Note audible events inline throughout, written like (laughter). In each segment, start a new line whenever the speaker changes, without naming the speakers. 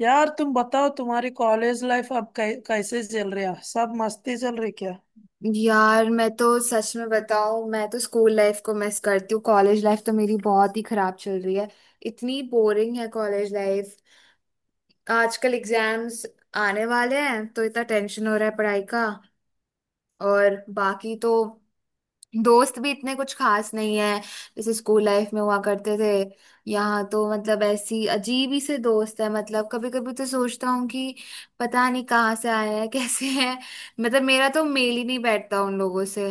यार तुम बताओ तुम्हारी कॉलेज लाइफ अब कैसे चल रही है? सब मस्ती चल रही क्या?
यार मैं तो सच में बताऊं, मैं तो स्कूल लाइफ को मिस करती हूँ। कॉलेज लाइफ तो मेरी बहुत ही खराब चल रही है। इतनी बोरिंग है कॉलेज लाइफ। आजकल एग्जाम्स आने वाले हैं तो इतना टेंशन हो रहा है पढ़ाई का। और बाकी तो दोस्त भी इतने कुछ खास नहीं है जैसे स्कूल लाइफ में हुआ करते थे। यहाँ तो मतलब ऐसी अजीब ही से दोस्त है। मतलब कभी कभी तो सोचता हूँ कि पता नहीं कहाँ से आए हैं (laughs) कैसे हैं। मतलब मेरा तो मेल ही नहीं बैठता उन लोगों से।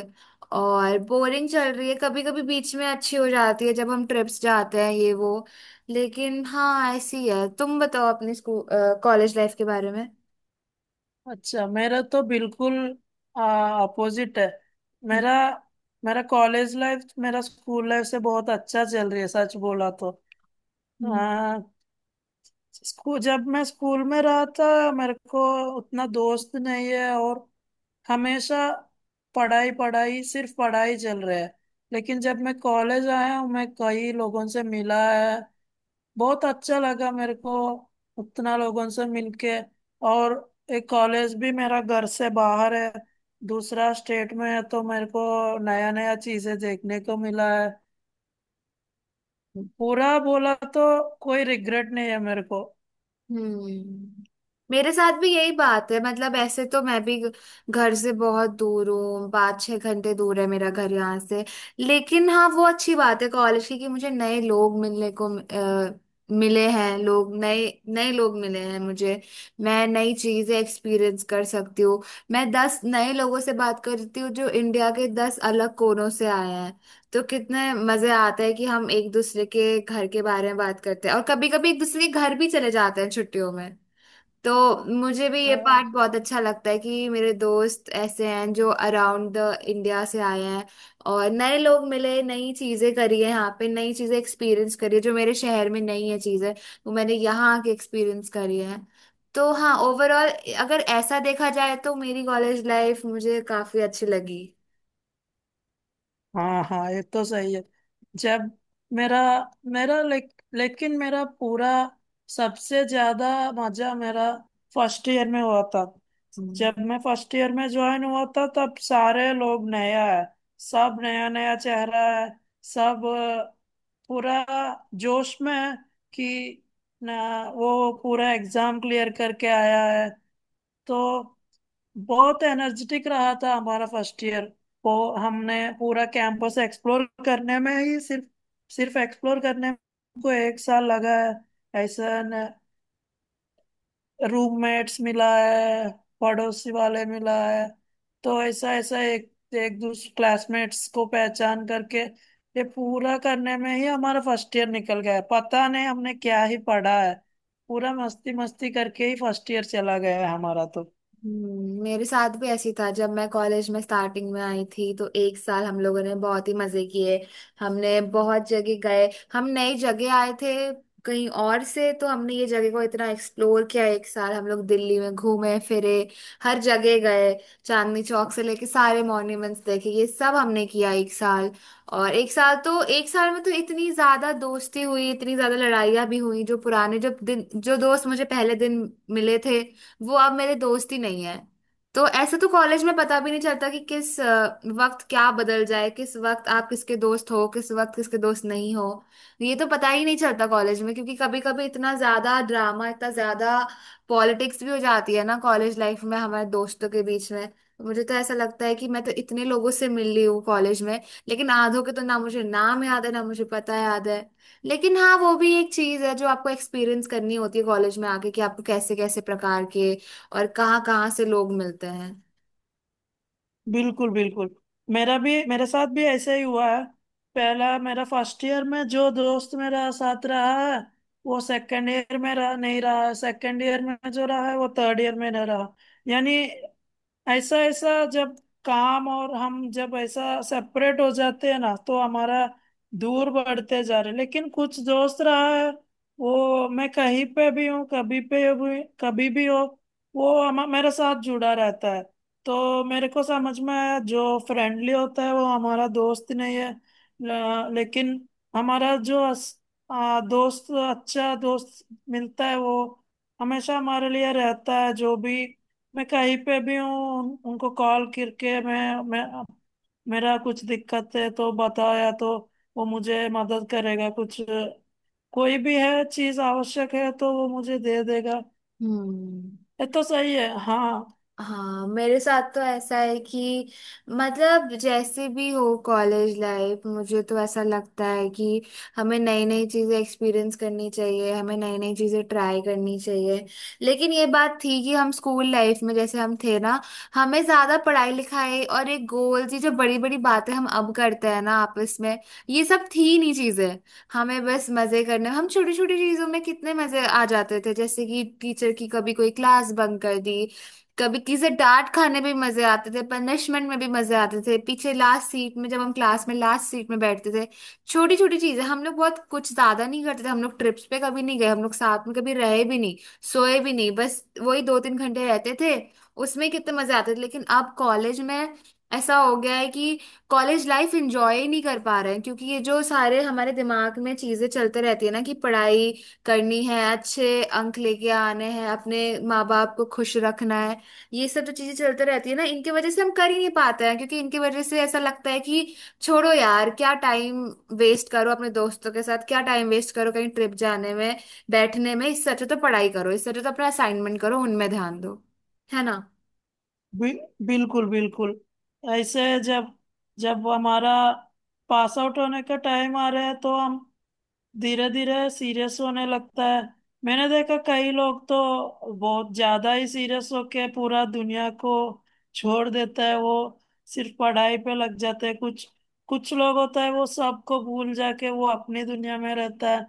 और बोरिंग चल रही है, कभी कभी बीच में अच्छी हो जाती है जब हम ट्रिप्स जाते हैं ये वो। लेकिन हाँ, ऐसी है। तुम बताओ अपने स्कूल कॉलेज लाइफ के बारे में।
अच्छा, मेरा तो बिल्कुल अपोजिट है।
हम्म।
मेरा मेरा कॉलेज लाइफ मेरा स्कूल लाइफ से बहुत अच्छा चल रही है, सच बोला तो। आ, स्कूल, जब मैं स्कूल में रहा था, मेरे को उतना दोस्त नहीं है और हमेशा पढ़ाई पढ़ाई सिर्फ पढ़ाई चल रहा है। लेकिन जब मैं कॉलेज आया हूँ मैं कई लोगों से मिला है। बहुत अच्छा लगा मेरे को उतना लोगों से मिलके। और एक, कॉलेज भी मेरा घर से बाहर है, दूसरा स्टेट में है, तो मेरे को नया नया चीजें देखने को मिला है।
हम्म।
पूरा बोला तो कोई रिग्रेट नहीं है मेरे को।
हम्म मेरे साथ भी यही बात है। मतलब ऐसे तो मैं भी घर से बहुत दूर हूँ। 5-6 घंटे दूर है मेरा घर यहाँ से। लेकिन हाँ, वो अच्छी बात है कॉलेज की कि मुझे नए लोग मिलने को मिले हैं। लोग नए नए लोग मिले हैं मुझे। मैं नई चीजें एक्सपीरियंस कर सकती हूँ। मैं 10 नए लोगों से बात करती हूँ जो इंडिया के 10 अलग कोनों से आए हैं। तो कितने मजे आते हैं कि हम एक दूसरे के घर के बारे में बात करते हैं और कभी कभी एक दूसरे के घर भी चले जाते हैं छुट्टियों में। तो मुझे भी ये पार्ट बहुत अच्छा लगता है कि मेरे दोस्त ऐसे हैं जो अराउंड द इंडिया से आए हैं। और नए लोग मिले, नई चीजें करी है यहाँ पे, नई चीजें एक्सपीरियंस करी है जो मेरे शहर में नहीं है चीजें, वो मैंने यहाँ आके एक्सपीरियंस करी है। तो हाँ, ओवरऑल अगर ऐसा देखा जाए तो मेरी कॉलेज लाइफ मुझे काफी अच्छी लगी।
हाँ हाँ, ये तो सही है। जब मेरा, लेकिन मेरा पूरा सबसे ज्यादा मजा मेरा फर्स्ट ईयर में हुआ था। जब मैं फर्स्ट ईयर में ज्वाइन हुआ था तब सारे लोग नया है, सब नया नया चेहरा है, सब अ, पूरा जोश में है कि ना वो पूरा एग्जाम क्लियर करके आया है। तो बहुत एनर्जेटिक रहा था हमारा फर्स्ट ईयर। वो हमने पूरा कैंपस एक्सप्लोर करने में ही सिर्फ सिर्फ एक्सप्लोर करने में को एक साल लगा है। ऐसा रूममेट्स मिला है, पड़ोसी वाले मिला है, तो ऐसा ऐसा एक एक दूसरे क्लासमेट्स को पहचान करके ये पूरा करने में ही हमारा फर्स्ट ईयर निकल गया है। पता नहीं हमने क्या ही पढ़ा है। पूरा मस्ती मस्ती करके ही फर्स्ट ईयर चला गया है हमारा तो।
मेरे साथ भी ऐसी था। जब मैं कॉलेज में स्टार्टिंग में आई थी तो एक साल हम लोगों ने बहुत ही मजे किए। हमने बहुत जगह गए, हम नई जगह आए थे कहीं और से, तो हमने ये जगह को इतना एक्सप्लोर किया। एक साल हम लोग दिल्ली में घूमे फिरे, हर जगह गए। चांदनी चौक से लेके सारे मॉन्यूमेंट्स देखे, ये सब हमने किया एक साल। और एक साल तो, एक साल में तो इतनी ज्यादा दोस्ती हुई, इतनी ज्यादा लड़ाइयाँ भी हुई। जो पुराने, जो दिन, जो दोस्त मुझे पहले दिन मिले थे वो अब मेरे दोस्त ही नहीं है। तो ऐसे तो कॉलेज में पता भी नहीं चलता कि किस वक्त क्या बदल जाए, किस वक्त आप किसके दोस्त हो, किस वक्त किसके दोस्त नहीं हो। ये तो पता ही नहीं चलता कॉलेज में, क्योंकि कभी कभी इतना ज्यादा ड्रामा, इतना ज्यादा पॉलिटिक्स भी हो जाती है ना कॉलेज लाइफ में हमारे दोस्तों के बीच में। मुझे तो ऐसा लगता है कि मैं तो इतने लोगों से मिल ली हूँ कॉलेज में, लेकिन आधों के तो ना मुझे नाम याद है ना मुझे पता याद है। लेकिन हाँ, वो भी एक चीज है जो आपको एक्सपीरियंस करनी होती है कॉलेज में आके कि आपको कैसे कैसे प्रकार के और कहाँ कहाँ से लोग मिलते हैं।
बिल्कुल बिल्कुल, मेरा भी, मेरे साथ भी ऐसा ही हुआ है। पहला, मेरा फर्स्ट ईयर में जो दोस्त मेरा साथ रहा है वो सेकंड ईयर में रहा नहीं, रहा सेकंड ईयर में जो रहा है वो थर्ड ईयर में नहीं रहा। यानी ऐसा ऐसा जब काम और हम जब ऐसा सेपरेट हो जाते हैं ना तो हमारा दूर बढ़ते जा रहे। लेकिन कुछ दोस्त रहा है वो, मैं कहीं पे भी हूँ कभी पे भी कभी भी हो, वो हम मेरे साथ जुड़ा रहता है। तो मेरे को समझ में आया जो फ्रेंडली होता है वो हमारा दोस्त नहीं है। लेकिन हमारा जो दोस्त, अच्छा दोस्त मिलता है वो हमेशा हमारे लिए रहता है। जो भी, मैं कहीं पे भी हूँ उनको कॉल करके मैं मेरा कुछ दिक्कत है तो बताया तो वो मुझे मदद करेगा। कुछ कोई भी है, चीज आवश्यक है तो वो मुझे दे देगा।
हम्म।
ये तो सही है हाँ।
हाँ, मेरे साथ तो ऐसा है कि मतलब जैसे भी हो कॉलेज लाइफ, मुझे तो ऐसा लगता है कि हमें नई नई चीज़ें एक्सपीरियंस करनी चाहिए, हमें नई नई चीज़ें ट्राई करनी चाहिए। लेकिन ये बात थी कि हम स्कूल लाइफ में जैसे हम थे ना, हमें ज़्यादा पढ़ाई लिखाई और एक गोल, ये जो बड़ी बड़ी बातें हम अब करते हैं ना आपस में, ये सब थी नहीं चीज़ें। हमें बस मज़े करने, हम छोटी छोटी चीज़ों में कितने मज़े आ जाते थे जैसे कि टीचर की कभी कोई क्लास बंक कर दी, कभी किसे डांट खाने में भी मजे आते थे, पनिशमेंट में भी मजे आते थे, पीछे लास्ट सीट में जब हम क्लास में लास्ट सीट में बैठते थे। छोटी छोटी चीजें हम लोग बहुत कुछ ज्यादा नहीं करते थे, हम लोग ट्रिप्स पे कभी नहीं गए, हम लोग साथ में कभी रहे भी नहीं, सोए भी नहीं, बस वही 2-3 घंटे रहते थे। उसमें कितने मजे आते थे। लेकिन अब कॉलेज में ऐसा हो गया है कि कॉलेज लाइफ एंजॉय ही नहीं कर पा रहे हैं क्योंकि ये जो सारे हमारे दिमाग में चीजें चलते रहती है ना कि पढ़ाई करनी है, अच्छे अंक लेके आने हैं, अपने माँ बाप को खुश रखना है। ये सब जो चीजें चलते रहती है ना, इनके वजह से हम कर ही नहीं पाते हैं, क्योंकि इनके वजह से ऐसा लगता है कि छोड़ो यार, क्या टाइम वेस्ट करो अपने दोस्तों के साथ, क्या टाइम वेस्ट करो कहीं ट्रिप जाने में, बैठने में। इससे अच्छा तो पढ़ाई करो, इससे अच्छा तो अपना असाइनमेंट करो, उनमें ध्यान दो। है ना।
बि, बिल्कुल बिल्कुल। ऐसे जब, जब हमारा पास आउट होने का टाइम आ रहा है तो हम धीरे धीरे सीरियस होने लगता है। मैंने देखा, कई लोग तो बहुत ज्यादा ही सीरियस होके पूरा दुनिया को छोड़ देता है, वो सिर्फ पढ़ाई पे लग जाते हैं। कुछ कुछ लोग होता है वो सबको भूल जाके वो अपनी दुनिया में रहता है।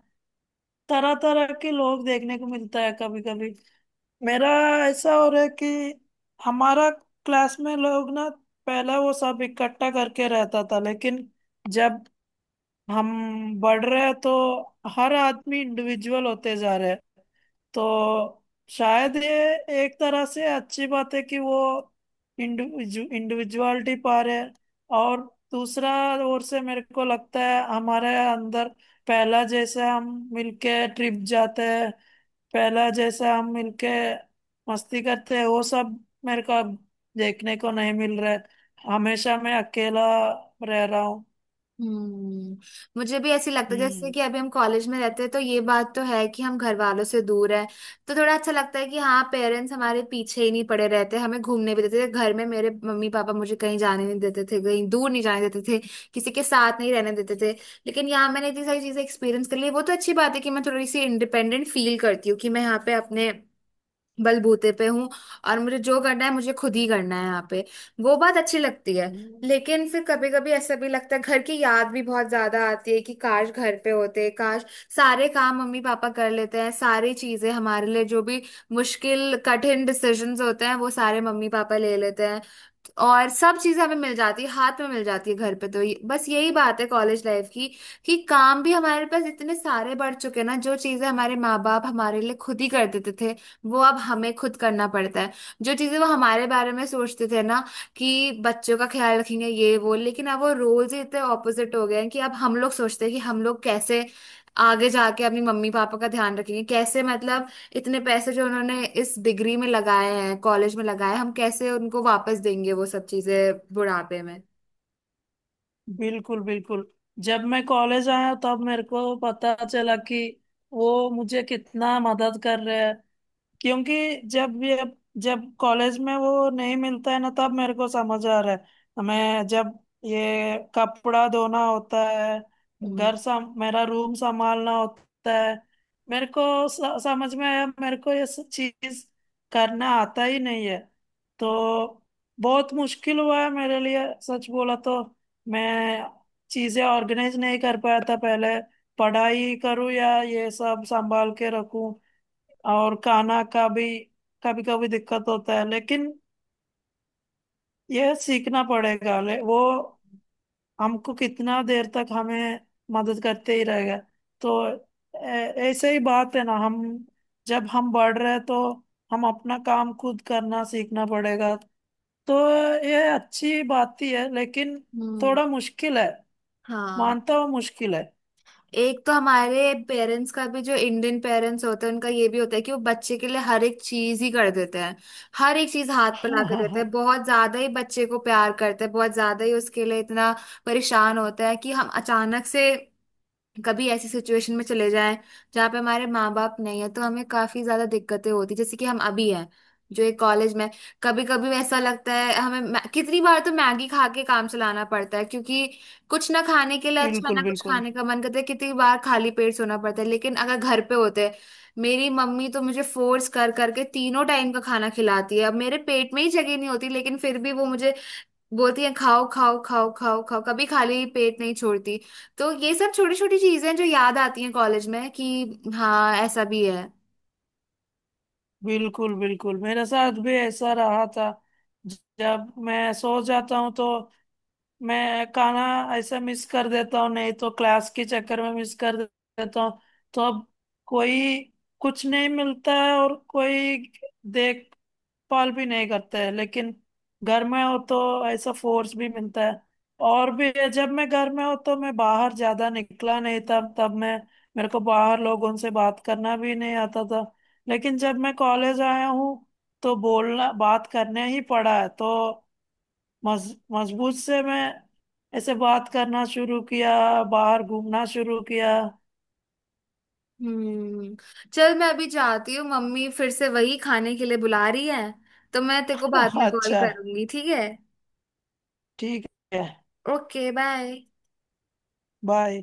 तरह तरह के लोग देखने को मिलता है। कभी कभी मेरा ऐसा हो रहा है कि हमारा क्लास में लोग ना पहले वो सब इकट्ठा करके रहता था, लेकिन जब हम बढ़ रहे हैं तो हर आदमी इंडिविजुअल होते जा रहे हैं। तो शायद ये एक तरह से अच्छी बात है कि वो इंडिविजुअलिटी पा रहे हैं। और दूसरा ओर से मेरे को लगता है हमारे अंदर पहला जैसे हम मिलके ट्रिप जाते हैं, पहला जैसे हम मिलके मस्ती करते हैं, वो सब मेरे को अब देखने को नहीं मिल रहा है। हमेशा मैं अकेला रह रहा हूँ।
हम्म मुझे भी ऐसे लगता है जैसे कि अभी हम कॉलेज में रहते हैं तो ये बात तो है कि हम घर वालों से दूर हैं। तो थोड़ा अच्छा लगता है कि हाँ, पेरेंट्स हमारे पीछे ही नहीं पड़े रहते। हमें घूमने भी देते थे, घर में मेरे मम्मी पापा मुझे कहीं जाने नहीं देते थे, कहीं दूर नहीं जाने देते थे, किसी के साथ नहीं रहने देते थे। लेकिन यहाँ मैंने इतनी सारी चीजें एक्सपीरियंस कर ली। वो तो अच्छी बात है कि मैं थोड़ी सी इंडिपेंडेंट फील करती हूँ कि मैं यहाँ पे अपने बलबूते पे हूँ, और मुझे जो करना है मुझे खुद ही करना है यहाँ पे। वो बात अच्छी लगती है।
हम्म।
लेकिन फिर कभी कभी ऐसा भी लगता है घर की याद भी बहुत ज्यादा आती है कि काश घर पे होते, काश। सारे काम मम्मी पापा कर लेते हैं, सारी चीजें हमारे लिए, जो भी मुश्किल कठिन डिसीजंस होते हैं वो सारे मम्मी पापा ले लेते हैं, और सब चीजें हमें मिल जाती है, हाथ में मिल जाती है घर पे। तो बस यही बात है कॉलेज लाइफ की कि काम भी हमारे पास इतने सारे बढ़ चुके हैं ना, जो चीजें हमारे माँ बाप हमारे लिए खुद ही कर देते थे वो अब हमें खुद करना पड़ता है। जो चीजें वो हमारे बारे में सोचते थे ना कि बच्चों का ख्याल रखेंगे ये वो, लेकिन अब वो रोल्स ही इतने ऑपोजिट हो गए हैं कि अब हम लोग सोचते हैं कि हम लोग कैसे आगे जाके अपनी मम्मी पापा का ध्यान रखेंगे, कैसे मतलब इतने पैसे जो उन्होंने इस डिग्री में लगाए हैं, कॉलेज में लगाए हैं, हम कैसे उनको वापस देंगे, वो सब चीजें बुढ़ापे में।
बिल्कुल बिल्कुल। जब मैं कॉलेज आया तब मेरे को पता चला कि वो मुझे कितना मदद कर रहे हैं। क्योंकि जब ये, जब कॉलेज में वो नहीं मिलता है ना तब मेरे को समझ आ रहा है। हमें जब ये कपड़ा धोना होता है,
हम्म।
घर सम मेरा रूम संभालना होता है, मेरे को समझ में आया मेरे को ये सब चीज करना आता ही नहीं है। तो बहुत मुश्किल हुआ है मेरे लिए, सच बोला तो। मैं चीजें ऑर्गेनाइज नहीं कर पाया था पहले, पढ़ाई करूँ या ये सब संभाल के रखूं। और खाना का भी कभी कभी दिक्कत होता है। लेकिन यह सीखना पड़ेगा, वो हमको कितना देर तक हमें मदद करते ही रहेगा। तो ऐसे ही बात है ना। हम जब हम बढ़ रहे हैं, तो हम अपना काम खुद करना सीखना पड़ेगा। तो यह अच्छी बात ही है लेकिन
हम्म।
थोड़ा मुश्किल है,
हाँ,
मानता हूँ मुश्किल है।
एक तो हमारे पेरेंट्स का भी, जो इंडियन पेरेंट्स होते हैं उनका ये भी होता है कि वो बच्चे के लिए हर एक चीज ही कर देते हैं, हर एक चीज हाथ पे ला के देते हैं,
(laughs)
बहुत ज्यादा ही बच्चे को प्यार करते हैं, बहुत ज्यादा ही उसके लिए इतना परेशान होता है कि हम अचानक से कभी ऐसी सिचुएशन में चले जाएं जहाँ पे हमारे माँ बाप नहीं है तो हमें काफी ज्यादा दिक्कतें होती जैसे कि हम अभी हैं, जो एक कॉलेज में। कभी कभी ऐसा लगता है हमें, कितनी बार तो मैगी खा के काम चलाना पड़ता है क्योंकि कुछ ना खाने के लिए अच्छा
बिल्कुल
ना कुछ
बिल्कुल
खाने का मन करता है, कितनी बार खाली पेट सोना पड़ता है, लेकिन अगर घर पे होते। मेरी मम्मी तो मुझे फोर्स कर करके तीनों टाइम का खाना खिलाती है, अब मेरे पेट में ही जगह नहीं होती, लेकिन फिर भी वो मुझे बोलती है खाओ खाओ खाओ खाओ खाओ, कभी खाली पेट नहीं छोड़ती। तो ये सब छोटी छोटी चीजें हैं जो याद आती हैं कॉलेज में कि हाँ, ऐसा भी है।
बिल्कुल बिल्कुल मेरे साथ भी ऐसा रहा था। जब मैं सो जाता हूँ तो मैं खाना ऐसा मिस कर देता हूँ, नहीं तो क्लास के चक्कर में मिस कर देता हूँ। तो अब कोई कुछ नहीं मिलता है और कोई देख पाल भी नहीं करते हैं। लेकिन घर में हो तो ऐसा फोर्स भी मिलता है। और भी, जब मैं घर में हो तो मैं बाहर ज्यादा निकला नहीं, तब तब मैं, मेरे को बाहर लोगों से बात करना भी नहीं आता था। लेकिन जब मैं कॉलेज आया हूँ तो बोलना बात करने ही पड़ा है। तो मजबूत से मैं ऐसे बात करना शुरू किया, बाहर घूमना शुरू किया।
हम्म चल मैं अभी जाती हूँ, मम्मी फिर से वही खाने के लिए बुला रही है, तो मैं तेरे को बाद
(laughs)
में कॉल
अच्छा,
करूंगी, ठीक है।
ठीक है।
Okay bye.
बाय।